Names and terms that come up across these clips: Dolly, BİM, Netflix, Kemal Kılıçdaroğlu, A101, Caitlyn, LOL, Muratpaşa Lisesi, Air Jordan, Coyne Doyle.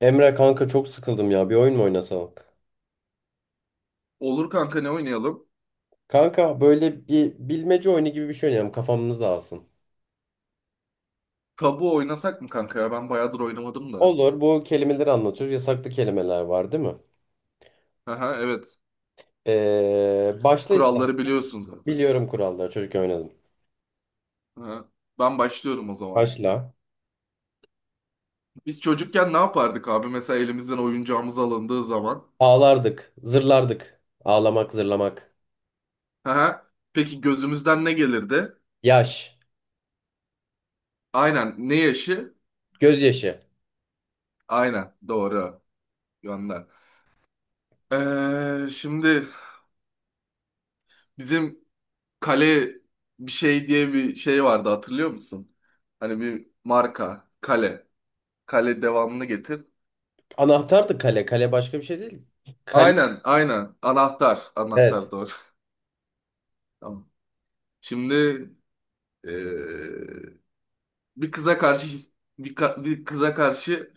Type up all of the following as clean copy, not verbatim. Emre kanka çok sıkıldım ya. Bir oyun mu oynasak? Olur kanka, ne oynayalım? Kanka böyle bir bilmece oyunu gibi bir şey oynayalım. Kafamız dağılsın. Tabu oynasak mı kanka ya? Ben bayağıdır oynamadım da. Olur. Bu kelimeleri anlatıyoruz. Yasaklı kelimeler var değil mi? Aha, evet. Başla ister. Kuralları biliyorsun zaten. Biliyorum kuralları. Çocukken oynadım. Aha. Ben başlıyorum o zaman. Başla. Biz çocukken ne yapardık abi? Mesela elimizden oyuncağımız alındığı zaman. Ağlardık. Zırlardık. Ağlamak, zırlamak. Aha. Peki gözümüzden ne gelirdi? Yaş. Aynen. Ne yaşı? Gözyaşı. Aynen. Doğru. Gönder. Şimdi bizim kale bir şey diye bir şey vardı, hatırlıyor musun? Hani bir marka. Kale. Kale, devamını getir. Anahtardı kale. Kale başka bir şey değil. Kale. Aynen, aynen. Anahtar, Evet. anahtar, doğru. Tamam. Şimdi eee, bir kıza karşı bir kıza karşı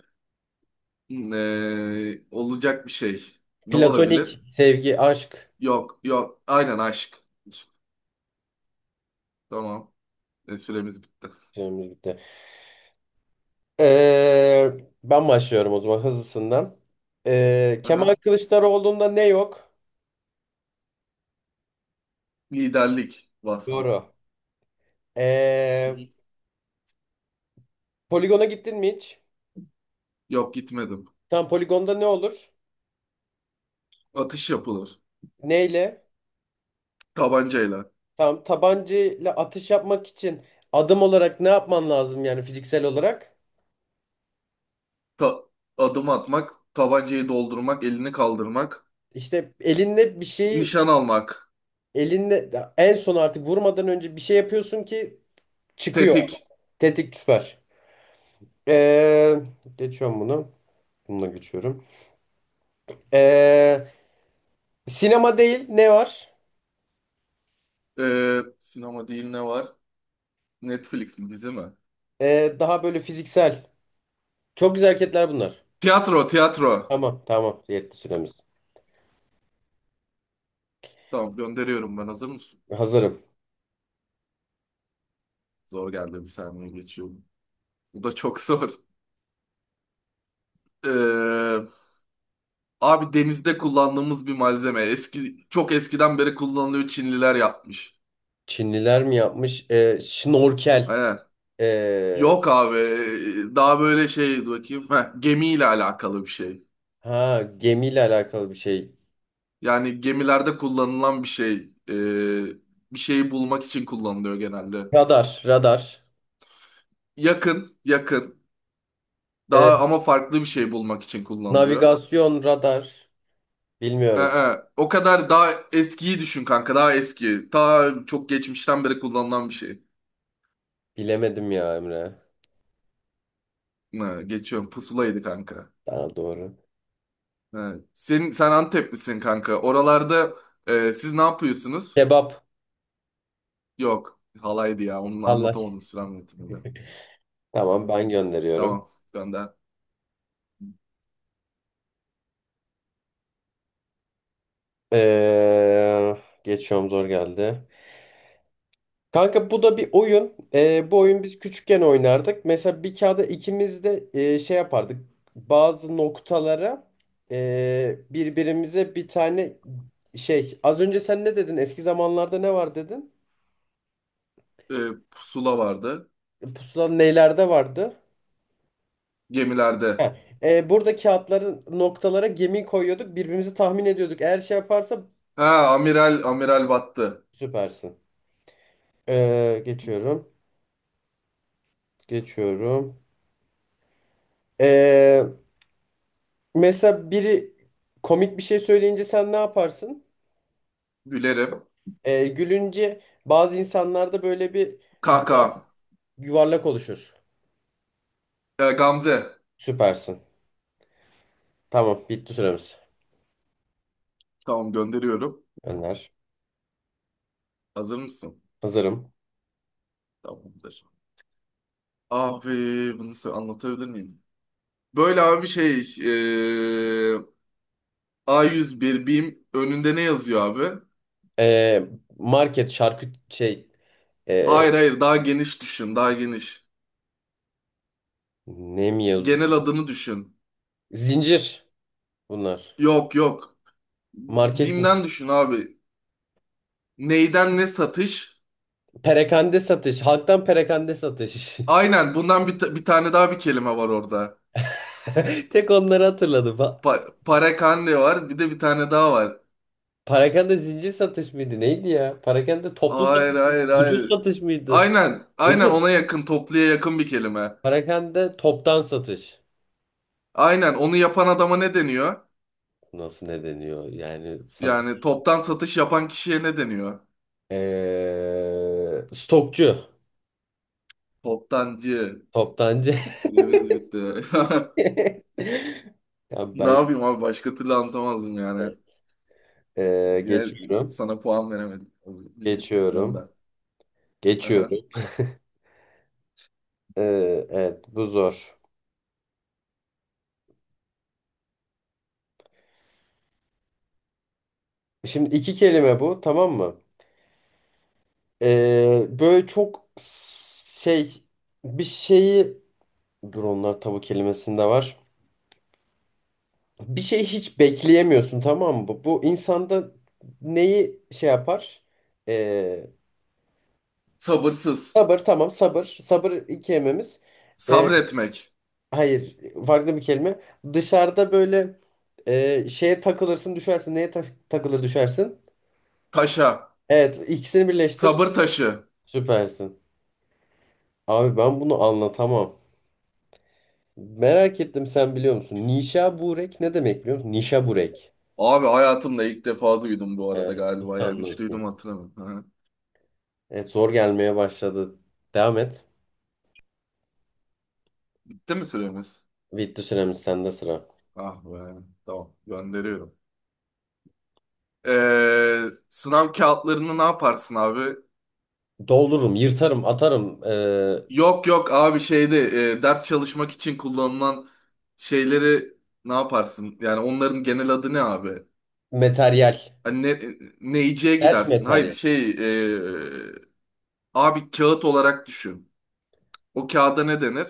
olacak bir şey. Ne Platonik. olabilir? Sevgi. Aşk. Yok, yok. Aynen, aşk. Tamam. E, süremiz bitti. Süremiz bitti. Ee, Ben başlıyorum o zaman hızlısından. Kemal Aha. Kılıçdaroğlu'nda ne yok? Liderlik vasfı. Doğru. Hı Ee, hı. Poligona gittin mi hiç? Yok, gitmedim. Tam poligonda ne olur? Atış yapılır. Neyle? Tabancayla. Tam tabancayla atış yapmak için adım olarak ne yapman lazım, yani fiziksel olarak? Ta- Adım atmak, tabancayı doldurmak, elini kaldırmak, İşte elinde bir şeyi nişan almak, elinde en son artık vurmadan önce bir şey yapıyorsun ki çıkıyor. tetik. Tetik, süper. Ee, Geçiyorum bunu. Bununla geçiyorum. Ee, Sinema değil ne var? Sinema değil ne var? Netflix mi, dizi mi? Daha böyle fiziksel. Çok güzel hareketler bunlar. Tiyatro, tiyatro. Tamam tamam, yetti süremiz. Tamam, gönderiyorum, ben hazır mısın? Hazırım. Zor geldi, bir saniye geçiyorum. Bu da çok zor. Ee, abi denizde kullandığımız bir malzeme. Eski, çok eskiden beri kullanılıyor, Çinliler yapmış. Çinliler mi yapmış? Şnorkel. Aynen. Ee, Yok abi daha böyle şey, dur bakayım. Heh, gemiyle alakalı bir şey. ha, gemiyle alakalı bir şey. Yani gemilerde kullanılan bir şey. Ee, bir şeyi bulmak için kullanılıyor genelde. Radar radar. Yakın, yakın. Ee, Daha ama farklı bir şey bulmak için kullanılıyor. Navigasyon radar. Bilmiyorum. O kadar daha eskiyi düşün kanka. Daha eski. Ta çok geçmişten beri kullanılan bir şey. Bilemedim ya Emre. Geçiyorum. Pusulaydı kanka. Daha doğru. Ee, sen Anteplisin kanka. Oralarda e, siz ne yapıyorsunuz? Kebap. Yok. Halaydı ya. Onu Allah. anlatamadım sürem yönetiminde. Tamam, Ee, ben gönderiyorum. Tamam. Ben de. Ee, Geçiyorum, zor geldi. Kanka bu da bir oyun. Bu oyun biz küçükken oynardık. Mesela bir kağıda ikimiz de şey yapardık. Bazı noktalara birbirimize bir tane şey. Az önce sen ne dedin? Eski zamanlarda ne var dedin? Ee, pusula vardı. Pusula nelerde vardı? Gemilerde. Heh. Burada kağıtların noktalara gemi koyuyorduk. Birbirimizi tahmin ediyorduk. Eğer şey yaparsa Ha, amiral, amiral battı. süpersin. Geçiyorum. Geçiyorum. Ee, Mesela biri komik bir şey söyleyince sen ne yaparsın? Gülerim. Gülünce bazı insanlarda böyle bir yuva- Kaka. yuvarlak oluşur. Gamze. Süpersin. Tamam, bitti süremiz. Tamam, gönderiyorum. Önder. Hazır mısın? Hazırım. Tamamdır. Abi bunu anlatabilir miyim? Böyle abi bir şey, ee, A101 BİM önünde ne yazıyor abi? Ee, Market, şarküt şey, ee, Hayır hayır, daha geniş düşün, daha geniş. ne mi yazıyor? Genel adını düşün. Zincir bunlar. Yok, yok. Market zincir. BİM'den düşün abi. Neyden ne satış? Perakende satış. Halktan perakende satış. Aynen bundan bir, bir tane daha bir kelime var orada. Tek onları hatırladım. Parakande var, bir de bir tane daha var. Perakende zincir satış mıydı? Neydi ya? Perakende toplu Hayır, satış mı? hayır, Ucuz hayır. satış mıydı? Aynen, aynen, Ucuz. ona yakın, topluya yakın bir kelime. Perakende toptan satış. Aynen, onu yapan adama ne deniyor? Nasıl ne deniyor? Yani sat Yani toptan satış yapan kişiye ne deniyor? Stokçu, Toptancı. toptancı. Süremiz bitti. Ya Ne ben yapayım abi, başka türlü anlatamazdım yani. Yine geçiyorum. sana puan veremedim. Dön Geçiyorum. ben. Aha. Geçiyorum. Evet, bu zor. Şimdi iki kelime bu, tamam mı? Böyle çok şey, bir şeyi dur, onlar tabu kelimesinde var. Bir şey hiç bekleyemiyorsun, tamam mı? Bu insanda neyi şey yapar? Sabırsız. Sabır, tamam sabır. Sabır ilk kelimemiz. Ee, Sabretmek. hayır, farklı bir kelime. Dışarıda böyle şeye takılırsın düşersin. Neye takılır düşersin? Taşa. Evet, ikisini birleştir. Sabır taşı. Süpersin. Abi ben bunu anlatamam. Merak ettim, sen biliyor musun? Nişaburek ne demek biliyor musun? Nişaburek. Abi hayatımda ilk defa duydum bu arada Evet, nasıl galiba, yani hiç anlatayım? duydum hatırlamıyorum. Aha. Evet, zor gelmeye başladı. Devam et. Bitti mi süremiz? Bitti süremiz, sende sıra. Ah be. Tamam, gönderiyorum. Ee, sınav kağıtlarını ne yaparsın abi? Doldururum, yırtarım, atarım. Yok yok abi, şeyde e, ders çalışmak için kullanılan şeyleri ne yaparsın? Yani onların genel adı ne abi? Materyal. Hani ne, neyciye Ders gidersin? Hayır, materyal. şey, e, abi kağıt olarak düşün. O kağıda ne denir?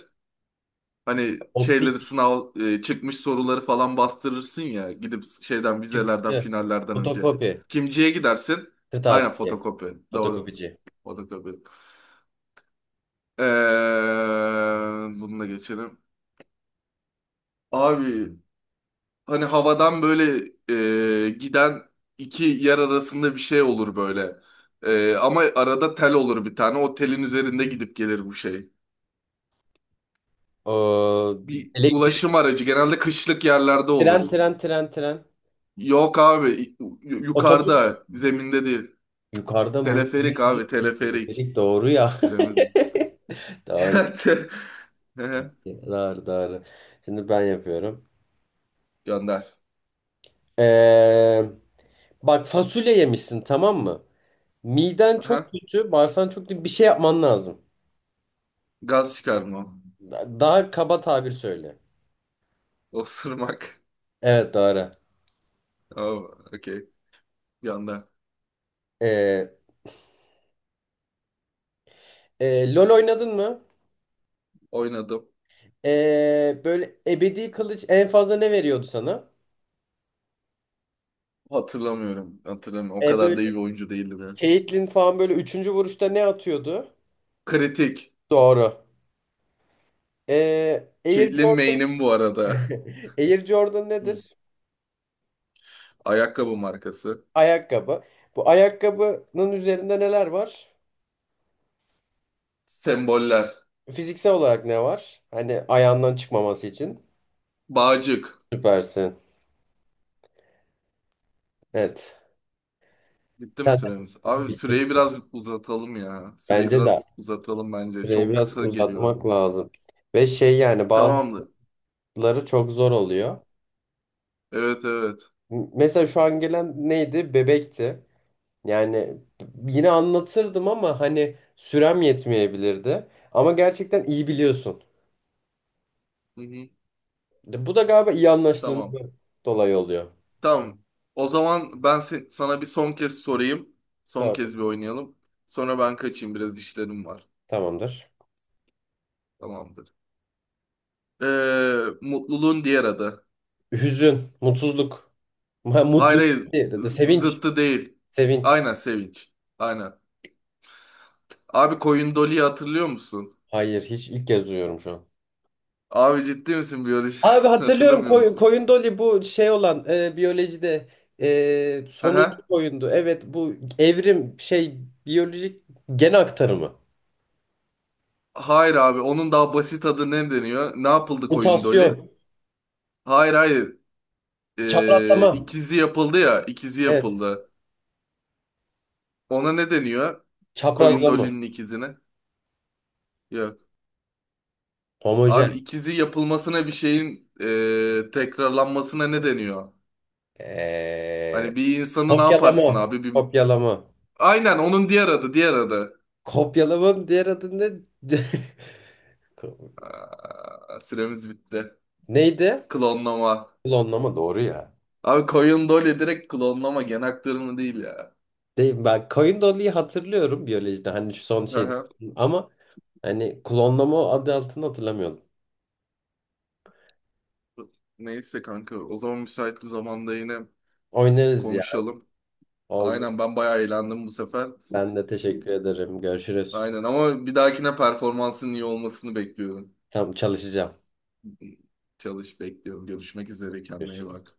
Hani Optik. şeyleri, sınav e, çıkmış soruları falan bastırırsın ya, gidip şeyden, vizelerden Çıktı. finallerden önce. Fotokopi. Kimciye gidersin? Aynen, Kırtasiye. fotokopi. Doğru. Fotokopici. Fotokopi. Ee, bunu da geçelim. Abi hani havadan böyle e, giden iki yer arasında bir şey olur böyle. E, ama arada tel olur bir tane. O telin üzerinde gidip gelir bu şey. O, Bir elektrik, ulaşım aracı, genelde kışlık yerlerde tren, olur. tren, tren, tren. Yok abi, Otobüs. yukarıda, zeminde değil. Yukarıda mı? Teleferik abi, teleferik. düz, doğru ya. Süremiz bitti. Doğru. Hı hı. Doğru, doğru. Şimdi ben yapıyorum. Gönder. Ee, Bak, fasulye yemişsin, tamam mı? Miden çok Aha. kötü, bağırsan çok kötü. Bir şey yapman lazım. Gaz çıkarma. Daha kaba tabir söyle. Osurmak. Evet, doğru. Tamam. Okey. Bir anda. Ee, LOL oynadın mı? Oynadım. Böyle ebedi kılıç en fazla ne veriyordu sana? Hatırlamıyorum. Hatırlamıyorum. O kadar Böyle da iyi bir oyuncu değildim ya. Caitlyn falan böyle üçüncü vuruşta ne atıyordu? Kritik. Doğru. Air Caitlyn Jordan. May'nin bu arada. Air Jordan Hı. nedir? Ayakkabı markası. Ayakkabı. Bu ayakkabının üzerinde neler var? Semboller. Fiziksel olarak ne var? Hani ayağından çıkmaması için. Bağcık. Süpersin. Evet. Bitti mi Sen de süremiz? Abi süreyi bilirsin. biraz uzatalım ya. Süreyi Bence de biraz uzatalım bence. süreyi Çok biraz kısa geliyor. uzatmak lazım. Ve şey yani Tamamdır. bazıları çok zor oluyor. Evet, evet. Mesela şu an gelen neydi? Bebekti. Yani yine anlatırdım ama hani sürem yetmeyebilirdi. Ama gerçekten iyi biliyorsun. Hı hı. Bu da galiba iyi Tamam. anlaştığımızdan dolayı oluyor. Tamam. O zaman ben sana bir son kez sorayım. Son Sor. kez bir oynayalım. Sonra ben kaçayım. Biraz işlerim var. Tamamdır. Tamamdır. Mutluluğun diğer adı. Hüzün, mutsuzluk, Hayır, mutluluk, hayır. diğeri de sevinç. Zıttı değil. Sevinç. Aynen, sevinç. Aynen. Abi koyun Dolly'yi hatırlıyor musun? Hayır, hiç ilk kez duyuyorum şu an. Abi ciddi misin, biyoloji Abi dersini hatırlıyorum, hatırlamıyor musun? koyun doli, bu şey olan, biyolojide Hı sonuncu hı. koyundu. Evet, bu evrim şey, biyolojik gen aktarımı. Hayır abi, onun daha basit adı ne deniyor? Ne yapıldı koyun Dolly? Mutasyon. Hayır, hayır. Çaprazlama. İkizi yapıldı ya. İkizi Evet. yapıldı. Ona ne deniyor? Koyun Çaprazlama. Dolly'nin ikizine. Yok. Abi Homojen. ikizi yapılmasına, bir şeyin tekrarlanmasına ne deniyor? Ee, Hani bir insanı ne yaparsın Kopyalama. abi? Bir... Kopyalama. Aynen, onun diğer adı, diğer adı. Kopyalamanın diğer adı ne? Aa, süremiz bitti. Neydi? Klonlama. Klonlama, doğru ya. Abi Coyne Doyle direkt klonlama, gen aktarımı değil ya. Değil, ben koyun doluyu hatırlıyorum biyolojide. Hani şu son Hı şeydi. hı. Ama hani klonlama adı altını hatırlamıyorum. Neyse kanka, o zaman müsait bir zamanda yine Oynarız ya. konuşalım. Oldu. Aynen, ben bayağı eğlendim bu sefer. Ben de teşekkür ederim. Görüşürüz. Aynen, ama bir dahakine performansın iyi olmasını bekliyorum. Tamam, çalışacağım. Çalış, bekliyorum. Görüşmek üzere, kendine iyi Görüşürüz. bak.